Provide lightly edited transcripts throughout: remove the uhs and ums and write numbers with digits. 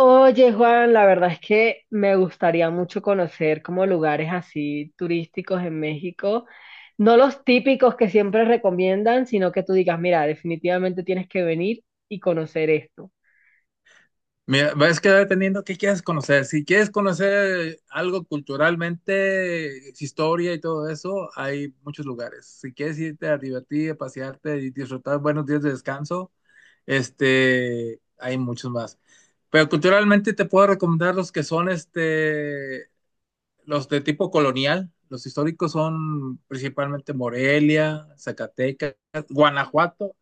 Oye, Juan, la verdad es que me gustaría mucho conocer como lugares así turísticos en México, no los típicos que siempre recomiendan, sino que tú digas, mira, definitivamente tienes que venir y conocer esto. Mira, es que va dependiendo qué quieres conocer. Si quieres conocer algo culturalmente, historia y todo eso, hay muchos lugares. Si quieres irte a divertir, a pasearte y disfrutar buenos días de descanso, hay muchos más. Pero culturalmente te puedo recomendar los que son los de tipo colonial. Los históricos son principalmente Morelia, Zacatecas, Guanajuato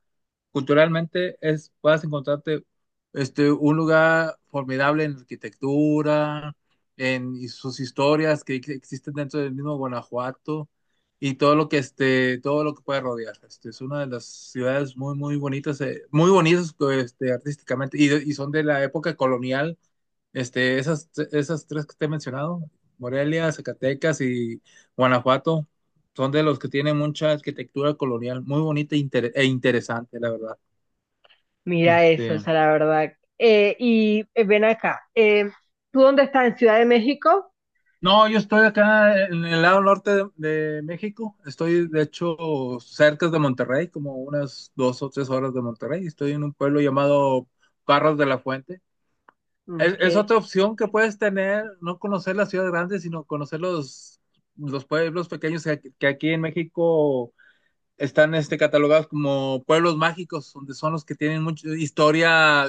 culturalmente es, vas a encontrarte un lugar formidable en arquitectura, en y sus historias que existen dentro del mismo Guanajuato y todo lo que todo lo que puede rodear. Es una de las ciudades muy muy bonitas artísticamente y, y son de la época colonial. Esas, esas tres que te he mencionado, Morelia, Zacatecas y Guanajuato, son de los que tienen mucha arquitectura colonial, muy bonita e e interesante, la verdad. Mira eso, o Este, sea, la verdad. Y ven acá, ¿tú dónde estás? ¿En Ciudad de México? no, yo estoy acá en el lado norte de, de México. Estoy, de hecho, cerca de Monterrey, como unas dos o tres horas de Monterrey. Estoy en un pueblo llamado Parras de la Fuente. Ok. Es otra opción que puedes tener, no conocer la ciudad grande, sino conocer los pueblos pequeños que aquí en México están catalogados como pueblos mágicos, donde son los que tienen mucha historia,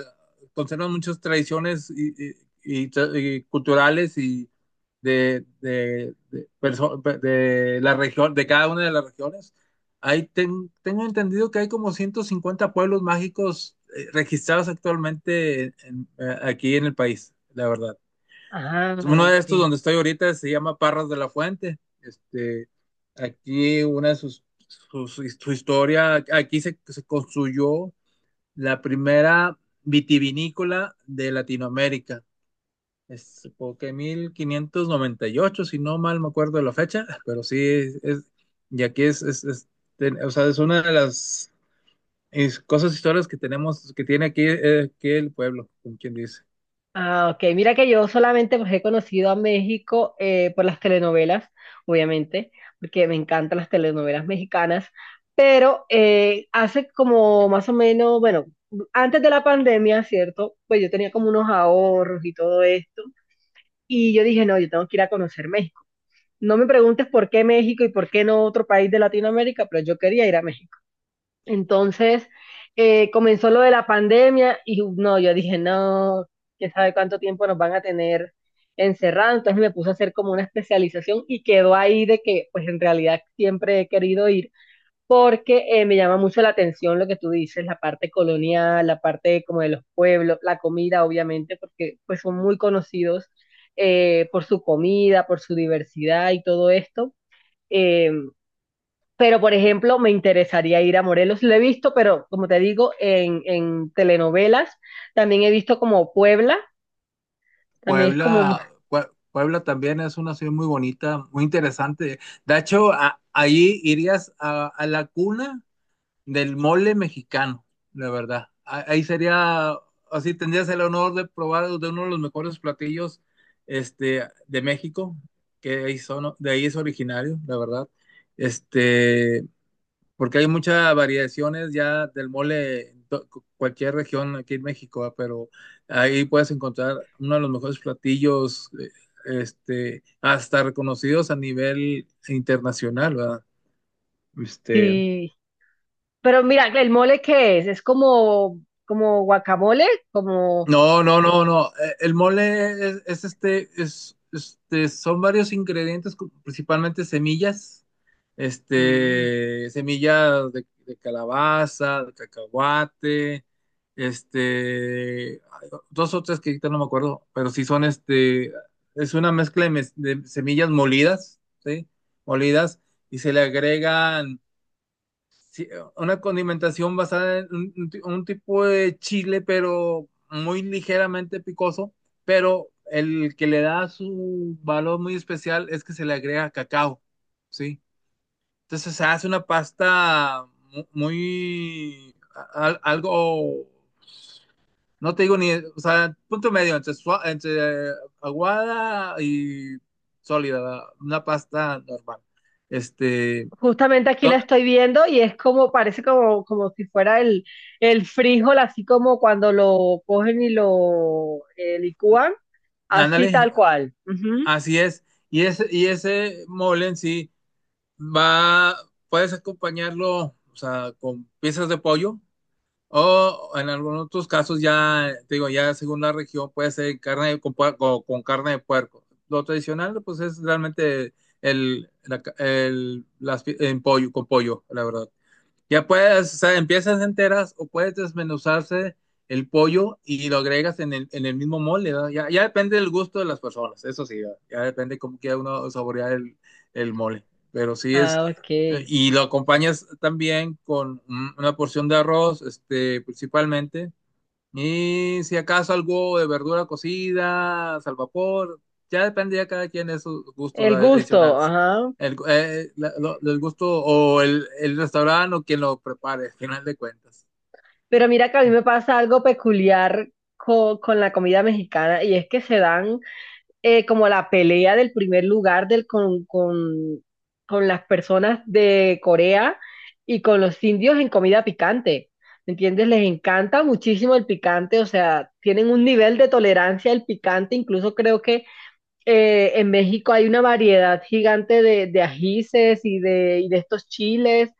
conservan muchas tradiciones y, y y culturales y de, de la región, de cada una de las regiones. Ahí tengo entendido que hay como 150 pueblos mágicos registrados actualmente aquí en el país, la verdad. Ah, Uno de ok. estos donde estoy ahorita se llama Parras de la Fuente. Aquí una de sus, sus- su historia, aquí se, se construyó la primera vitivinícola de Latinoamérica. Es porque 1598, si no mal me acuerdo de la fecha, pero sí, y aquí es, o sea, es una de las es, cosas, historias que tenemos, que tiene aquí, aquí el pueblo, como quien dice. Ah, ok. Mira que yo solamente, pues, he conocido a México por las telenovelas, obviamente, porque me encantan las telenovelas mexicanas, pero hace como más o menos, bueno, antes de la pandemia, ¿cierto? Pues yo tenía como unos ahorros y todo esto, y yo dije, no, yo tengo que ir a conocer México. No me preguntes por qué México y por qué no otro país de Latinoamérica, pero yo quería ir a México. Entonces, comenzó lo de la pandemia y no, yo dije, no, quién sabe cuánto tiempo nos van a tener encerrados. Entonces me puse a hacer como una especialización y quedó ahí de que, pues en realidad siempre he querido ir porque me llama mucho la atención lo que tú dices, la parte colonial, la parte como de los pueblos, la comida, obviamente, porque pues son muy conocidos por su comida, por su diversidad y todo esto. Eh, pero, por ejemplo, me interesaría ir a Morelos. Lo he visto, pero como te digo, en telenovelas. También he visto como Puebla. También es como... Puebla, Puebla también es una ciudad muy bonita, muy interesante. De hecho, ahí irías a la cuna del mole mexicano, la verdad. Ahí sería, así tendrías el honor de probar de uno de los mejores platillos de México, que ahí son, de ahí es originario, la verdad. Este, Porque hay muchas variaciones ya del mole en cualquier región aquí en México, ah, pero ahí puedes encontrar uno de los mejores platillos, hasta reconocidos a nivel internacional, ¿verdad? Este, Sí. Pero mira, ¿el mole qué es? Es como, como guacamole, como... No, no, no, no. El mole es, es, son varios ingredientes, principalmente semillas, Mm. este, semillas de calabaza, de cacahuate, ay, dos o tres que ahorita no me acuerdo, pero sí son es una mezcla de, de semillas molidas, ¿sí? Molidas, y se le agregan sí, una condimentación basada en un, un tipo de chile, pero muy ligeramente picoso, pero el que le da su valor muy especial es que se le agrega cacao, ¿sí? Entonces se hace una pasta muy, algo, no te digo ni, o sea, punto medio entre, entre aguada y sólida, una pasta normal. Este, Justamente aquí la to- estoy viendo y es como, parece como, como si fuera el frijol, así como cuando lo cogen y lo licúan, así Ándale, tal cual. Ujú. así es. Y ese mole en sí va, puedes acompañarlo, o sea, con piezas de pollo o en algunos otros casos ya, te digo, ya según la región puede ser con, o con carne de puerco. Lo tradicional pues es realmente el, la ca- el- las pi- en pollo, con pollo, la verdad. Ya puedes, o sea, empiezas enteras o puedes desmenuzarse el pollo y lo agregas en el mismo mole, ¿verdad? Ya, ya depende del gusto de las personas, eso sí, ¿verdad? Ya depende cómo quiera uno saborear el mole. Pero sí es, Ah, ok. y lo acompañas también con una porción de arroz, principalmente, y si acaso algo de verdura cocida, al vapor, ya depende ya cada quien de sus gustos El gusto, adicionales. ajá. El, el gusto o el restaurante o quien lo prepare, al final de cuentas. Pero mira que a mí me pasa algo peculiar con la comida mexicana y es que se dan como la pelea del primer lugar con las personas de Corea y con los indios en comida picante. ¿Me entiendes? Les encanta muchísimo el picante, o sea, tienen un nivel de tolerancia al picante. Incluso creo que en México hay una variedad gigante de ajíes y de estos chiles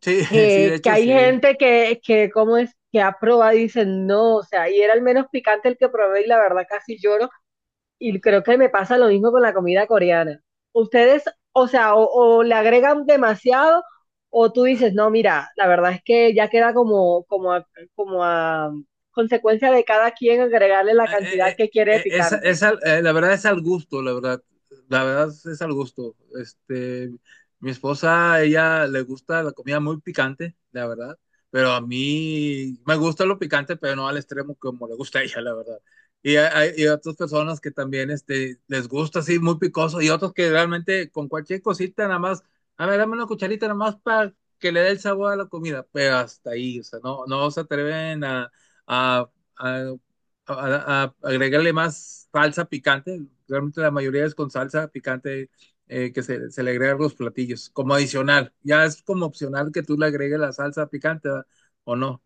Sí, sí, de que hecho hay sí. gente ¿cómo es? Que ha probado y dicen no, o sea, y era el menos picante el que probé y la verdad casi lloro. Y creo que me pasa lo mismo con la comida coreana. Ustedes, o sea, o le agregan demasiado o tú dices, no, mira, la verdad es que ya queda como, como a consecuencia de cada quien agregarle la eh, eh, cantidad eh, que quiere de picante. La verdad es al gusto, la verdad. La verdad es al gusto. Mi esposa, ella le gusta la comida muy picante, la verdad. Pero a mí me gusta lo picante, pero no al extremo como le gusta a ella, la verdad. Y hay otras personas que también les gusta así muy picoso y otros que realmente con cualquier cosita nada más, a ver, dame una cucharita nada más para que le dé el sabor a la comida, pero hasta ahí, o sea, no, no se atreven a- a a agregarle más salsa picante. Realmente la mayoría es con salsa picante que se le agrega a los platillos, como adicional. Ya es como opcional que tú le agregues la salsa picante, ¿verdad? O no.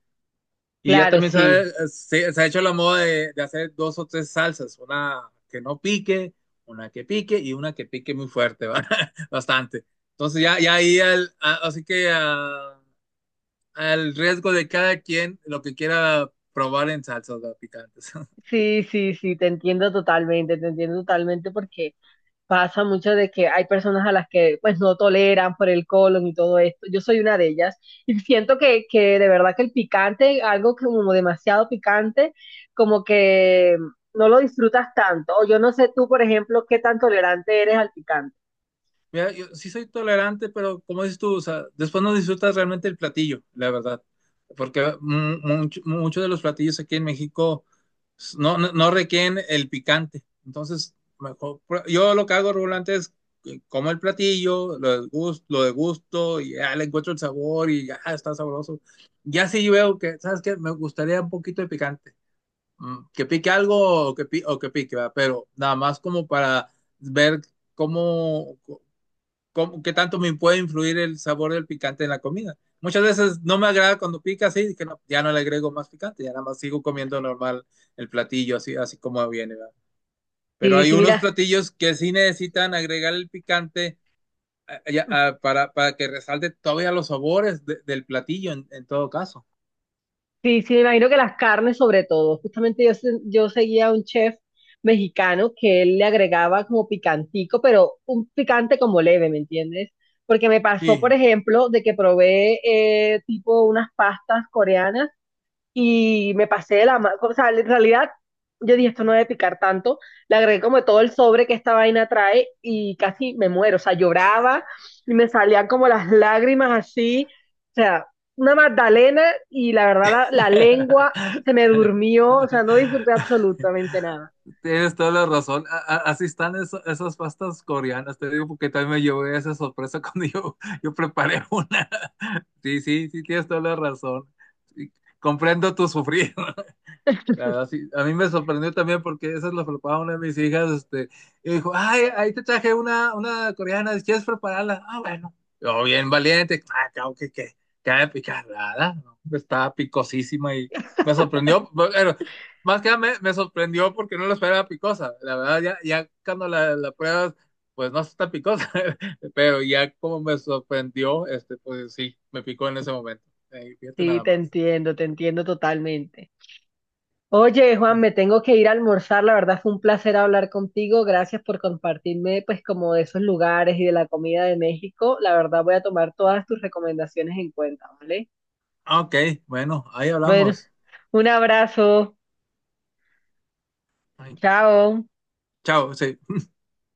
Y ya Claro, también se ha, sí. se ha hecho la moda de hacer dos o tres salsas, una que no pique, una que pique y una que pique muy fuerte, ¿verdad? Bastante. Entonces ya, ya ahí, así que ah, al riesgo de cada quien lo que quiera probar en salsas, ¿verdad? Picantes. Sí, sí, sí, te entiendo totalmente porque pasa mucho de que hay personas a las que pues no toleran por el colon y todo esto. Yo soy una de ellas y siento que de verdad que el picante, algo que como demasiado picante, como que no lo disfrutas tanto. O yo no sé tú, por ejemplo, qué tan tolerante eres al picante. Mira, yo sí soy tolerante, pero como dices tú, o sea, después no disfrutas realmente el platillo, la verdad. Porque muchos de los platillos aquí en México no, no, no requieren el picante. Entonces, yo lo que hago regularmente es que como el platillo, lo degusto y ya le encuentro el sabor y ya está sabroso. Ya sí veo que, ¿sabes qué? Me gustaría un poquito de picante. Que pique algo o que, o que pique, ¿verdad? Pero nada más como para ver cómo, qué tanto me puede influir el sabor del picante en la comida. Muchas veces no me agrada cuando pica así, que ya no le agrego más picante, ya nada más sigo comiendo normal el platillo así, así como viene, ¿verdad? Pero Sí, hay sí, unos mira. platillos que sí necesitan agregar el picante ah, ya, ah, para que resalte todavía los sabores del platillo en todo caso. Sí, sí, me imagino que las carnes sobre todo. Justamente yo, yo seguía a un chef mexicano que él le agregaba como picantico, pero un picante como leve, ¿me entiendes? Porque me pasó, por Sí. ejemplo, de que probé tipo unas pastas coreanas y me pasé de la mano. O sea, en realidad yo dije, esto no debe picar tanto. Le agregué como todo el sobre que esta vaina trae y casi me muero. O sea, lloraba y me salían como las lágrimas así. O sea, una magdalena y la verdad la lengua se me durmió. O sea, no disfruté absolutamente nada. Tienes toda la razón. Así están esas pastas coreanas. Te digo porque también me llevé esa sorpresa cuando yo preparé una. Sí, sí, sí, tienes toda la razón. Sí, comprendo tu sufrir. La verdad, sí. A mí me sorprendió también porque esa es la preparaba una de mis hijas, y dijo, ay, ahí te traje una coreana, si quieres prepararla. Ah, bueno. Yo bien valiente, ah, claro que ha de picar nada, ¿no? Pues, estaba picosísima y me sorprendió, pero más que nada me, me sorprendió porque no la esperaba picosa. La verdad, ya, ya cuando la pruebas, pues no está picosa, pero ya como me sorprendió, pues sí, me picó en ese momento. Fíjate Sí, nada más. Te entiendo totalmente. Oye, Juan, Sí. me tengo que ir a almorzar. La verdad fue un placer hablar contigo. Gracias por compartirme, pues, como de esos lugares y de la comida de México. La verdad voy a tomar todas tus recomendaciones en cuenta, ¿vale? Ah, ok, bueno, ahí Bueno, hablamos. un abrazo. Ay, Chao. chao, sí.